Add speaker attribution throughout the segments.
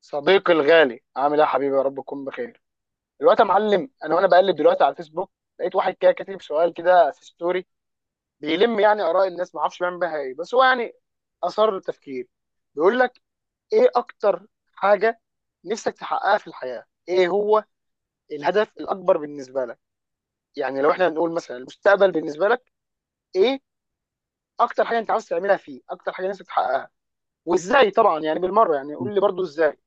Speaker 1: صديقي الغالي، عامل ايه يا حبيبي؟ يا رب تكون بخير. دلوقتي يا معلم، انا وانا بقلب دلوقتي على الفيسبوك لقيت واحد كده كاتب سؤال كده في ستوري بيلم يعني اراء الناس، ما اعرفش بيعمل بيها ايه، بس هو يعني اثار للتفكير. بيقول لك: ايه اكتر حاجه نفسك تحققها في الحياه؟ ايه هو الهدف الاكبر بالنسبه لك؟ يعني لو احنا نقول مثلا المستقبل بالنسبه لك، ايه اكتر حاجه انت عاوز تعملها فيه؟ اكتر حاجه نفسك تحققها؟ وازاي طبعا، يعني بالمره يعني
Speaker 2: مم.
Speaker 1: قول لي برضو ازاي.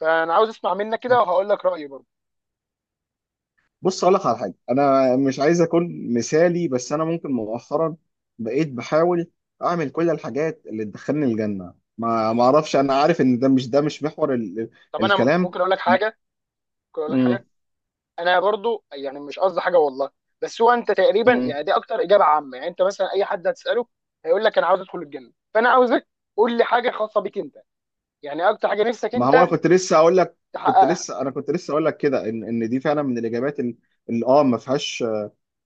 Speaker 1: فانا عاوز اسمع منك كده وهقول لك رايي برضو.
Speaker 2: بص اقول لك على حاجه، انا مش عايز اكون مثالي، بس انا ممكن مؤخرا بقيت بحاول اعمل كل الحاجات اللي تدخلني الجنه. ما اعرفش. انا عارف ان ده مش محور ال ال
Speaker 1: طب انا
Speaker 2: الكلام.
Speaker 1: ممكن اقول لك حاجه؟ ممكن اقول لك
Speaker 2: مم.
Speaker 1: حاجه، انا برضو يعني مش قصدي حاجه والله، بس هو انت تقريبا
Speaker 2: مم.
Speaker 1: يعني دي اكتر اجابه عامه، يعني انت مثلا اي حد هتساله هيقول لك انا عاوز ادخل الجنه. فانا عاوزك قول لي حاجه خاصه بيك انت، يعني اكتر حاجه نفسك
Speaker 2: ما هو انا
Speaker 1: انت
Speaker 2: كنت لسه اقول لك كنت
Speaker 1: تحققها.
Speaker 2: لسه انا كنت لسه اقول لك كده، ان دي فعلا من الاجابات اللي اللي اه ما فيهاش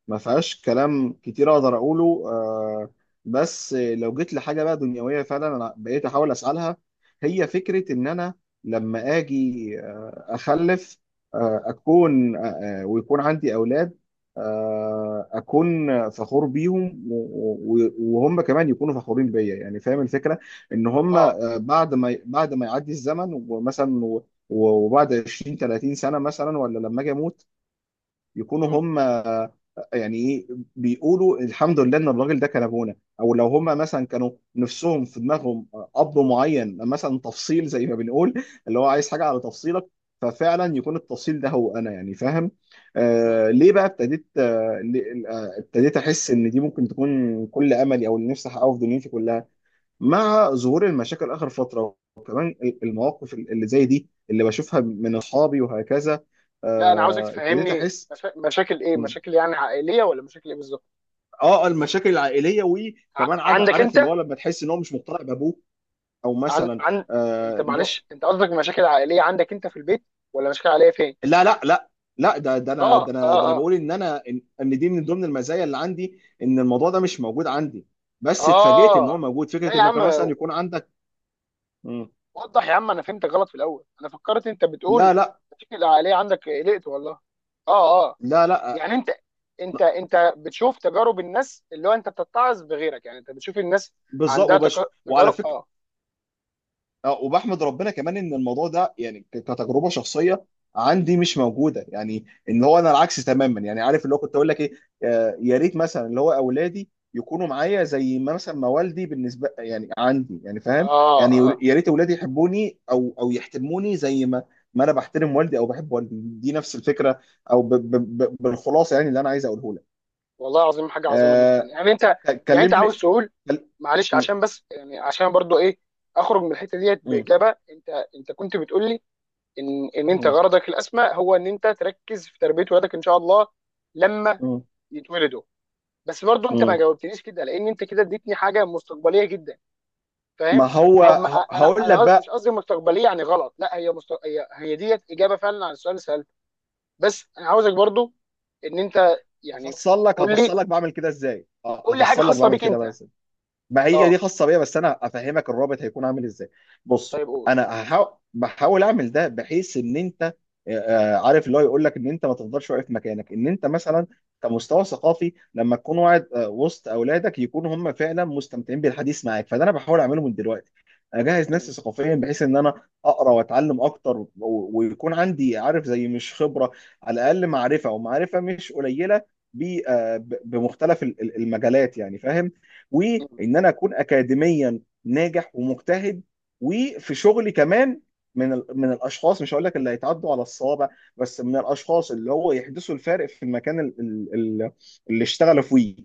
Speaker 2: ما فيهاش كلام كتير اقدر اقوله. بس لو جيت لحاجه بقى دنيويه، فعلا انا بقيت احاول اسالها. هي فكره ان انا لما اجي اخلف، آه، اكون آه، آه، ويكون عندي اولاد، اكون فخور بيهم، وهم كمان يكونوا فخورين بيا. يعني فاهم الفكره ان هم
Speaker 1: اه.
Speaker 2: بعد ما يعدي الزمن، ومثلا وبعد 20 30 سنه مثلا، ولا لما اجي اموت يكونوا
Speaker 1: مم.
Speaker 2: هم يعني ايه، بيقولوا الحمد لله ان الراجل ده كان ابونا. او لو هم مثلا كانوا نفسهم في دماغهم اب معين، مثلا تفصيل زي ما بنقول اللي هو عايز حاجه على تفصيلك، ففعلا يكون التفصيل ده هو انا. يعني فاهم.
Speaker 1: مم.
Speaker 2: ليه بقى ابتديت آه ليه- آه، ابتديت احس ان دي ممكن تكون كل املي، او اللي نفسي احققه في دنيتي كلها، مع ظهور المشاكل اخر فتره، وكمان المواقف اللي زي دي اللي بشوفها من اصحابي وهكذا.
Speaker 1: لا، انا عاوزك
Speaker 2: ابتديت
Speaker 1: تفهمني،
Speaker 2: احس.
Speaker 1: مشاكل ايه؟ مشاكل يعني عائليه ولا مشاكل ايه بالظبط؟
Speaker 2: اه، المشاكل العائليه،
Speaker 1: ع...
Speaker 2: وكمان عاد
Speaker 1: عندك
Speaker 2: عارف اللي
Speaker 1: انت؟
Speaker 2: هو لما تحس ان هو مش مقتنع بابوه، او
Speaker 1: عن...
Speaker 2: مثلا
Speaker 1: عن انت
Speaker 2: ان هو.
Speaker 1: معلش، انت قصدك مشاكل عائليه عندك انت في البيت، ولا مشاكل عائليه فين؟
Speaker 2: لا لا لا لا، ده ده
Speaker 1: اه
Speaker 2: انا ده انا
Speaker 1: اه
Speaker 2: ده انا
Speaker 1: اه
Speaker 2: بقول ان انا إن دي من ضمن المزايا اللي عندي، ان الموضوع ده مش موجود عندي، بس اتفاجئت ان هو
Speaker 1: اه.
Speaker 2: موجود
Speaker 1: لا
Speaker 2: فكره
Speaker 1: يا
Speaker 2: انك
Speaker 1: عم،
Speaker 2: مثلا يكون عندك. مم.
Speaker 1: وضح يا عم، انا فهمتك غلط في الاول، انا فكرت انت بتقول
Speaker 2: لا لا
Speaker 1: النتيجه العائليه عندك، قلقت والله. اه اه.
Speaker 2: لا لا.
Speaker 1: يعني انت، انت بتشوف تجارب الناس، اللي هو انت بتتعظ بغيرك، يعني انت بتشوف الناس
Speaker 2: بالظبط،
Speaker 1: عندها تك-
Speaker 2: وعلى
Speaker 1: تجارب
Speaker 2: فكره.
Speaker 1: اه.
Speaker 2: اه، وبحمد ربنا كمان ان الموضوع ده يعني كتجربه شخصيه عندي مش موجوده. يعني ان هو انا العكس تماما. يعني عارف اللي هو كنت اقول لك ايه، يا ريت مثلا اللي هو اولادي يكونوا معايا زي ما مثلا ما والدي بالنسبه يعني عندي. يعني فاهم.
Speaker 1: اه
Speaker 2: يعني
Speaker 1: اه.
Speaker 2: يا ريت اولادي يحبوني او يحترموني، زي ما ما انا بحترم والدي او بحب والدي. دي نفس الفكره، او ب ب ب بالخلاصه يعني اللي انا عايز اقوله لك.
Speaker 1: والله العظيم حاجه عظيمه جدا
Speaker 2: آه،
Speaker 1: يعني. انت يعني انت عاوز
Speaker 2: كلمني.
Speaker 1: تقول،
Speaker 2: كل-
Speaker 1: معلش
Speaker 2: م-
Speaker 1: عشان بس يعني عشان برضو ايه، اخرج من الحته ديت
Speaker 2: م-
Speaker 1: باجابه. انت كنت بتقول لي ان انت
Speaker 2: م-
Speaker 1: غرضك الاسمى هو ان انت تركز في تربيه ولادك ان شاء الله لما
Speaker 2: م-
Speaker 1: يتولدوا. بس برضو انت ما
Speaker 2: م-
Speaker 1: جاوبتنيش كده، لان انت كده اديتني حاجه مستقبليه جدا،
Speaker 2: ما
Speaker 1: فاهم؟
Speaker 2: هو
Speaker 1: او ما انا
Speaker 2: هقول لك
Speaker 1: مش
Speaker 2: بقى.
Speaker 1: قصدي مستقبليه يعني غلط، لا هي هي ديت اجابه فعلا عن السؤال اللي سالته. بس انا عاوزك برضو ان انت يعني قول لي، قول لي حاجه
Speaker 2: هفصل لك
Speaker 1: خاصه
Speaker 2: بعمل
Speaker 1: بيك
Speaker 2: كده بقى
Speaker 1: انت.
Speaker 2: ازاي. ما هي دي
Speaker 1: اه،
Speaker 2: خاصه بيا، بس انا افهمك الرابط هيكون عامل ازاي. بص،
Speaker 1: طيب قول.
Speaker 2: انا بحاول اعمل ده بحيث ان انت عارف اللي هو يقول لك ان انت ما تفضلش واقف مكانك، ان انت مثلا كمستوى ثقافي لما تكون قاعد وسط اولادك يكونوا هم فعلا مستمتعين بالحديث معاك. فده انا بحاول اعمله من دلوقتي، اجهز
Speaker 1: مم.
Speaker 2: نفسي ثقافيا بحيث ان انا اقرا واتعلم اكتر، ويكون عندي، عارف زي مش خبره، على الاقل معرفه، ومعرفه مش قليله بمختلف المجالات. يعني فاهم. وان
Speaker 1: مم.
Speaker 2: انا اكون اكاديميا ناجح ومجتهد، وفي شغلي كمان، من الاشخاص مش هقول لك اللي هيتعدوا على الصوابع، بس من الاشخاص اللي هو يحدثوا الفارق في المكان اللي اشتغلوا فيه.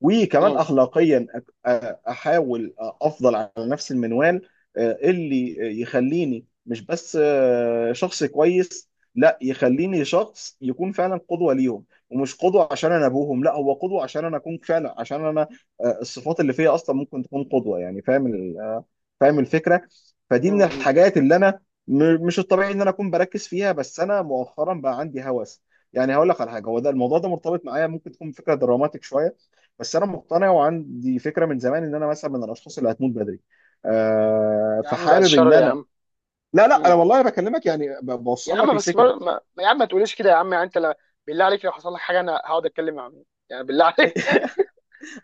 Speaker 2: وكمان
Speaker 1: مم.
Speaker 2: اخلاقيا، احاول افضل على نفس المنوال، اللي يخليني مش بس شخص كويس، لا يخليني شخص يكون فعلا قدوة ليهم. ومش قدوة عشان انا ابوهم، لا هو قدوة عشان انا اكون فعلا، عشان انا الصفات اللي فيا اصلا ممكن تكون قدوه. يعني فاهم ال- آه، فاهم الفكره. فدي
Speaker 1: مم.
Speaker 2: من
Speaker 1: مم.
Speaker 2: الحاجات اللي انا مش الطبيعي ان انا اكون بركز فيها، بس انا مؤخرا بقى عندي هوس. يعني هقول لك على حاجه، هو ده الموضوع ده مرتبط معايا، ممكن تكون فكره دراماتيك شويه، بس انا مقتنع وعندي فكره من زمان ان انا مثلا من الاشخاص اللي هتموت بدري.
Speaker 1: يا عم بعد
Speaker 2: فحابب
Speaker 1: الشر
Speaker 2: ان
Speaker 1: يا
Speaker 2: انا...
Speaker 1: عم.
Speaker 2: لا لا، انا
Speaker 1: مم.
Speaker 2: والله بكلمك يعني
Speaker 1: يا
Speaker 2: بوصل لك
Speaker 1: عم بس
Speaker 2: الفكره.
Speaker 1: بر... ما... ما- يا عم ما تقوليش كده يا عم، يعني انت لا، بالله عليك، لو حصل لك حاجه انا هقعد اتكلم مع مين يعني؟ بالله عليك.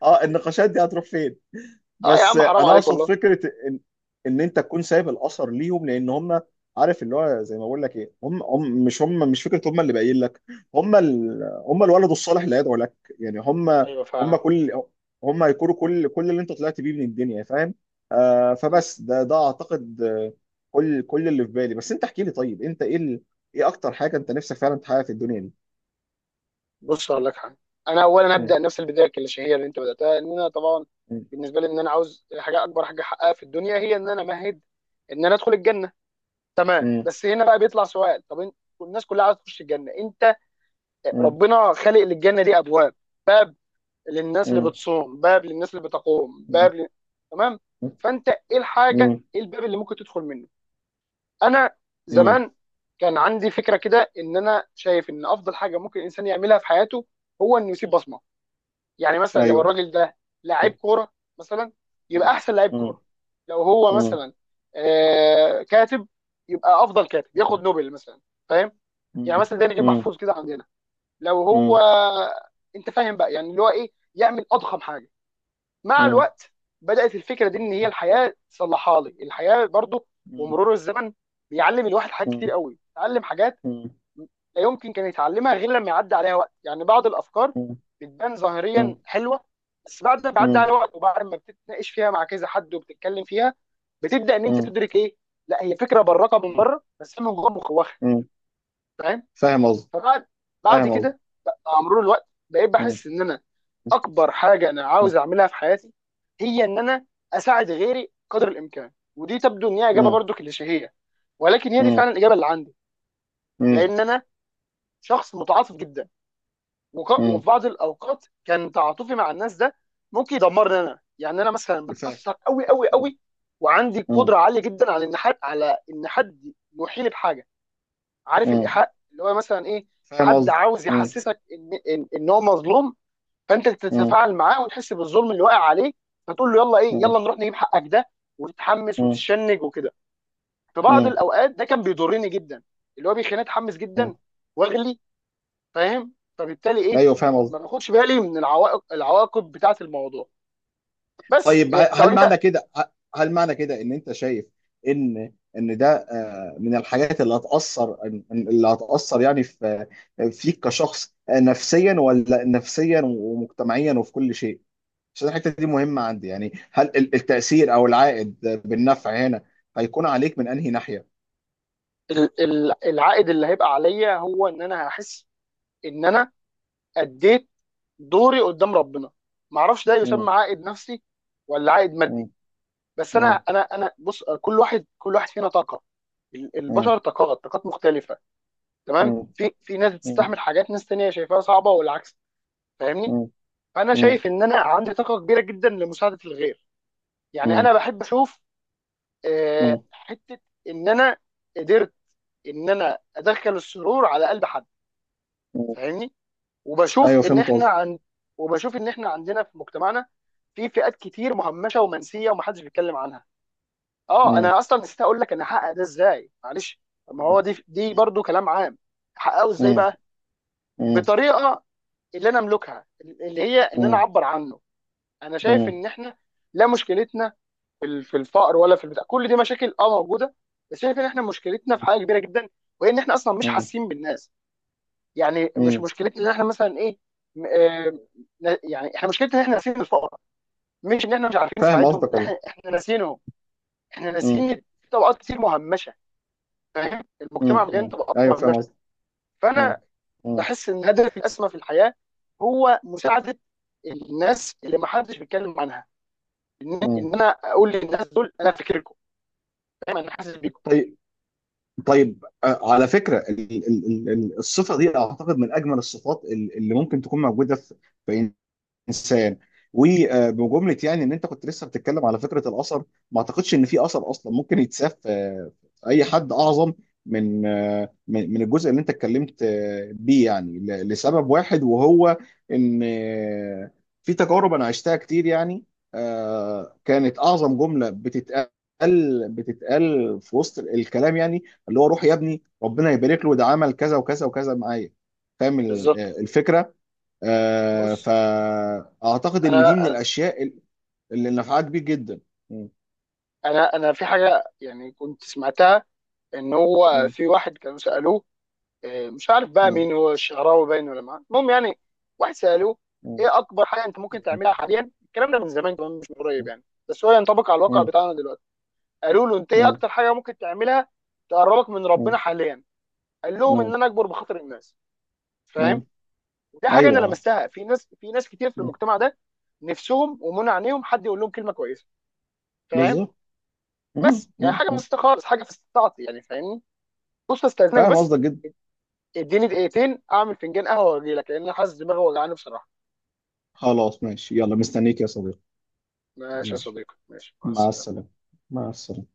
Speaker 2: اه، النقاشات دي هتروح فين.
Speaker 1: اه يا
Speaker 2: بس
Speaker 1: عم حرام
Speaker 2: انا
Speaker 1: عليك
Speaker 2: اقصد
Speaker 1: والله.
Speaker 2: فكره ان ان انت تكون سايب الاثر ليهم، لان هم، عارف اللي هو زي ما بقول لك ايه، هم مش فكره. هم اللي باين لك، هم الولد الصالح اللي هيدعو لك. يعني هم،
Speaker 1: ايوه
Speaker 2: هم
Speaker 1: فعلا.
Speaker 2: كل هم هيكونوا كل اللي انت طلعت بيه من الدنيا. فاهم. فبس ده اعتقد، كل اللي في بالي. بس انت احكي لي، طيب انت ايه ال... ايه اكتر حاجه انت نفسك فعلا تحققها في الدنيا دي؟
Speaker 1: بص هقول لك حاجه: انا اولا
Speaker 2: م-
Speaker 1: ابدا نفس البدايه الكليشيهيه اللي انت بداتها، ان انا طبعا
Speaker 2: م-
Speaker 1: بالنسبه لي ان انا عاوز حاجه، اكبر حاجه احققها في الدنيا هي ان انا امهد ان انا ادخل الجنه. تمام.
Speaker 2: م-
Speaker 1: بس هنا بقى بيطلع سؤال: طب الناس كلها عايزه تخش الجنه، انت
Speaker 2: م-
Speaker 1: ربنا خالق للجنه دي ابواب، باب للناس اللي
Speaker 2: م-
Speaker 1: بتصوم، باب للناس اللي بتقوم، باب ل... تمام.
Speaker 2: م-
Speaker 1: فانت ايه
Speaker 2: م-
Speaker 1: الحاجه،
Speaker 2: م-
Speaker 1: ايه الباب اللي ممكن تدخل منه؟ انا
Speaker 2: م-
Speaker 1: زمان كان عندي فكره كده، ان انا شايف ان افضل حاجه ممكن الانسان يعملها في حياته هو انه يسيب بصمه. يعني مثلا لو
Speaker 2: ايوه.
Speaker 1: الراجل ده لعيب كوره مثلا، يبقى
Speaker 2: مم.
Speaker 1: احسن لعيب
Speaker 2: مم.
Speaker 1: كوره. لو هو
Speaker 2: مم.
Speaker 1: مثلا آه كاتب، يبقى افضل كاتب،
Speaker 2: مم.
Speaker 1: ياخد نوبل مثلا. فاهم؟ يعني مثلا ده نجيب
Speaker 2: مم.
Speaker 1: محفوظ كده عندنا. لو
Speaker 2: مم.
Speaker 1: هو،
Speaker 2: مم.
Speaker 1: انت فاهم بقى يعني اللي هو ايه، يعمل اضخم حاجه. مع الوقت بدات الفكره دي ان هي الحياه تصلحها لي، الحياه برضو ومرور الزمن بيعلم الواحد حاجات كتير قوي. اتعلم حاجات لا يمكن كان يتعلمها غير لما يعدي عليها وقت. يعني بعض الافكار بتبان ظاهريا حلوه، بس بعد ما بيعدي عليها وقت وبعد ما بتتناقش فيها مع كذا حد وبتتكلم فيها بتبدا ان انت تدرك ايه، لا هي فكره براقه من بره، بس هي من جوه مخوخه.
Speaker 2: مم.
Speaker 1: فاهم؟
Speaker 2: فاهم قصدي.
Speaker 1: فبعد
Speaker 2: فاهم قصدي.
Speaker 1: كده مع مرور الوقت بقيت
Speaker 2: فاهم.
Speaker 1: بحس ان انا اكبر حاجه انا عاوز اعملها في حياتي هي ان انا اساعد غيري قدر الامكان. ودي تبدو ان هي اجابه برضو كليشيهيه، ولكن هي دي فعلا الاجابه اللي عندي، لان انا شخص متعاطف جدا. وفي بعض الاوقات كان تعاطفي مع الناس ده ممكن يدمرني انا، يعني انا مثلا بتاثر قوي قوي قوي، وعندي قدره عاليه جدا على ان حد، على ان حد يوحيني بحاجه. عارف الايحاء اللي هو مثلا ايه؟ حد عاوز يحسسك إن هو مظلوم، فانت تتفاعل معاه وتحس بالظلم اللي واقع عليه، فتقول له يلا ايه، يلا نروح نجيب حقك ده، وتتحمس وتتشنج وكده. في بعض الاوقات ده كان بيضرني جدا، اللي هو بيخليني اتحمس جدا واغلي. فاهم؟
Speaker 2: فاهم
Speaker 1: فبالتالي
Speaker 2: قصدي.
Speaker 1: ايه،
Speaker 2: ايوه، فاهم
Speaker 1: ما
Speaker 2: قصدي.
Speaker 1: باخدش بالي من العوائق، العواقب بتاعه الموضوع. بس
Speaker 2: طيب،
Speaker 1: إيه، طب انت،
Speaker 2: هل معنى كده ان انت شايف ان ده من الحاجات اللي هتأثر يعني في فيك كشخص، نفسيا، ولا نفسيا ومجتمعيا وفي كل شيء. عشان الحتة دي مهمة عندي. يعني هل التأثير او العائد بالنفع هنا هيكون عليك من انهي ناحية؟
Speaker 1: العائد اللي هيبقى عليا هو ان انا هحس ان انا اديت دوري قدام ربنا. ما اعرفش ده
Speaker 2: مم،
Speaker 1: يسمى عائد نفسي ولا عائد مادي.
Speaker 2: مم،
Speaker 1: بس انا،
Speaker 2: مم،
Speaker 1: انا بص، كل واحد فينا طاقه، ال-
Speaker 2: مم،
Speaker 1: البشر طاقات طاقات مختلفه، تمام؟
Speaker 2: مم،
Speaker 1: في ناس
Speaker 2: مم،
Speaker 1: بتستحمل حاجات، ناس تانية شايفاها صعبه، والعكس. فاهمني؟
Speaker 2: مم،
Speaker 1: فانا
Speaker 2: مم،
Speaker 1: شايف ان انا عندي طاقه كبيره جدا لمساعده الغير، يعني انا
Speaker 2: مم،
Speaker 1: بحب اشوف
Speaker 2: مم،
Speaker 1: حته ان انا قدرت ان انا ادخل السرور على قلب حد.
Speaker 2: مم.
Speaker 1: فاهمني؟
Speaker 2: ايوه،
Speaker 1: وبشوف ان
Speaker 2: فهمت
Speaker 1: احنا
Speaker 2: قصدك.
Speaker 1: عن، وبشوف ان احنا عندنا في مجتمعنا في فئات كتير مهمشه ومنسيه ومحدش بيتكلم عنها. اه،
Speaker 2: مم،
Speaker 1: انا اصلا نسيت اقول لك انا هحقق ده ازاي، معلش. طب ما هو دي، دي
Speaker 2: مم،
Speaker 1: برضو كلام عام. هحققه ازاي
Speaker 2: مم،
Speaker 1: بقى؟
Speaker 2: مم،
Speaker 1: بطريقه اللي انا املكها، اللي هي ان انا
Speaker 2: مم.
Speaker 1: اعبر عنه. انا شايف
Speaker 2: مم.
Speaker 1: ان احنا، لا مشكلتنا في الفقر ولا في البتاع، كل دي مشاكل اه موجوده، بس شايف ان احنا مشكلتنا في حاجه كبيره جدا وهي ان احنا اصلا مش
Speaker 2: مم.
Speaker 1: حاسين بالناس. يعني مش
Speaker 2: مم.
Speaker 1: مشكلتنا ان احنا مثلا ايه، م- آه، يعني احنا مشكلتنا ان احنا ناسيين الفقراء، مش ان احنا مش عارفين
Speaker 2: فاهم
Speaker 1: نساعدهم.
Speaker 2: قصدك
Speaker 1: لا، احنا
Speaker 2: والله.
Speaker 1: احنا ناسينهم. احنا
Speaker 2: مم.
Speaker 1: ناسيين، في طبقات كتير مهمشه، فاهم؟ المجتمع
Speaker 2: مم.
Speaker 1: مليان
Speaker 2: مم.
Speaker 1: طبقات
Speaker 2: ايوه، فاهم
Speaker 1: مهمشه.
Speaker 2: قصدك. مم.
Speaker 1: فانا
Speaker 2: مم.
Speaker 1: بحس ان هدف الاسمى في الحياه هو مساعده الناس اللي ما حدش بيتكلم عنها، ان
Speaker 2: مم.
Speaker 1: إن انا اقول للناس دول انا فاكركم، فاهم؟ انا حاسس بيكم.
Speaker 2: طيب. طيب، على فكره الصفه دي اعتقد من اجمل الصفات اللي ممكن تكون موجوده في انسان. وبجمله، يعني ان انت كنت لسه بتتكلم على فكره الاثر. ما اعتقدش ان في اثر اصلا ممكن يتساف في اي حد اعظم من من الجزء اللي انت اتكلمت بيه. يعني لسبب واحد، وهو ان في تجارب انا عشتها كتير. يعني كانت اعظم جمله بتتقال، في وسط الكلام يعني اللي هو روح يا ابني، ربنا يبارك له، ده عمل كذا وكذا وكذا معايا. فاهم
Speaker 1: بالظبط.
Speaker 2: الفكره.
Speaker 1: بص
Speaker 2: فأعتقد إن دي من
Speaker 1: انا،
Speaker 2: الأشياء اللي نفعها كبير جدا. مم.
Speaker 1: انا في حاجه يعني كنت سمعتها، ان هو
Speaker 2: مم.
Speaker 1: في واحد كانوا سالوه، آه، مش عارف بقى
Speaker 2: مم.
Speaker 1: مين، هو الشعراوي باين ولا ما، المهم يعني. واحد سالوه
Speaker 2: مم.
Speaker 1: ايه اكبر حاجه انت ممكن تعملها حاليا، الكلام ده من زمان كمان مش من قريب، يعني بس هو ينطبق على الواقع
Speaker 2: مم.
Speaker 1: بتاعنا دلوقتي. قالوا له: انت ايه
Speaker 2: مم.
Speaker 1: اكتر حاجه ممكن تعملها تقربك من ربنا
Speaker 2: مم.
Speaker 1: حاليا؟ قال لهم ان
Speaker 2: مم.
Speaker 1: انا اكبر بخاطر الناس.
Speaker 2: مم.
Speaker 1: فاهم؟ ودي حاجه انا
Speaker 2: أيوه.
Speaker 1: لمستها في ناس كتير في
Speaker 2: مم.
Speaker 1: المجتمع ده، نفسهم ومنع عينيهم حد يقول لهم كلمه كويسه. فاهم؟
Speaker 2: بالظبط. مم.
Speaker 1: بس يعني
Speaker 2: مم.
Speaker 1: حاجه
Speaker 2: مم.
Speaker 1: بسيطه خالص، حاجه في استطاعتي يعني، فاهمني؟ بص استاذنك
Speaker 2: فاهم
Speaker 1: بس،
Speaker 2: قصدك جدا.
Speaker 1: اديني دقيقتين اعمل فنجان قهوه واجي لك، لان أنا حاسس دماغي وجعاني بصراحه.
Speaker 2: خلاص، ماشي، يلا، مستنيك يا صديقي.
Speaker 1: ماشي يا
Speaker 2: ماشي،
Speaker 1: صديقي، ماشي، مع
Speaker 2: مع
Speaker 1: السلامه.
Speaker 2: السلامة. مع السلامة.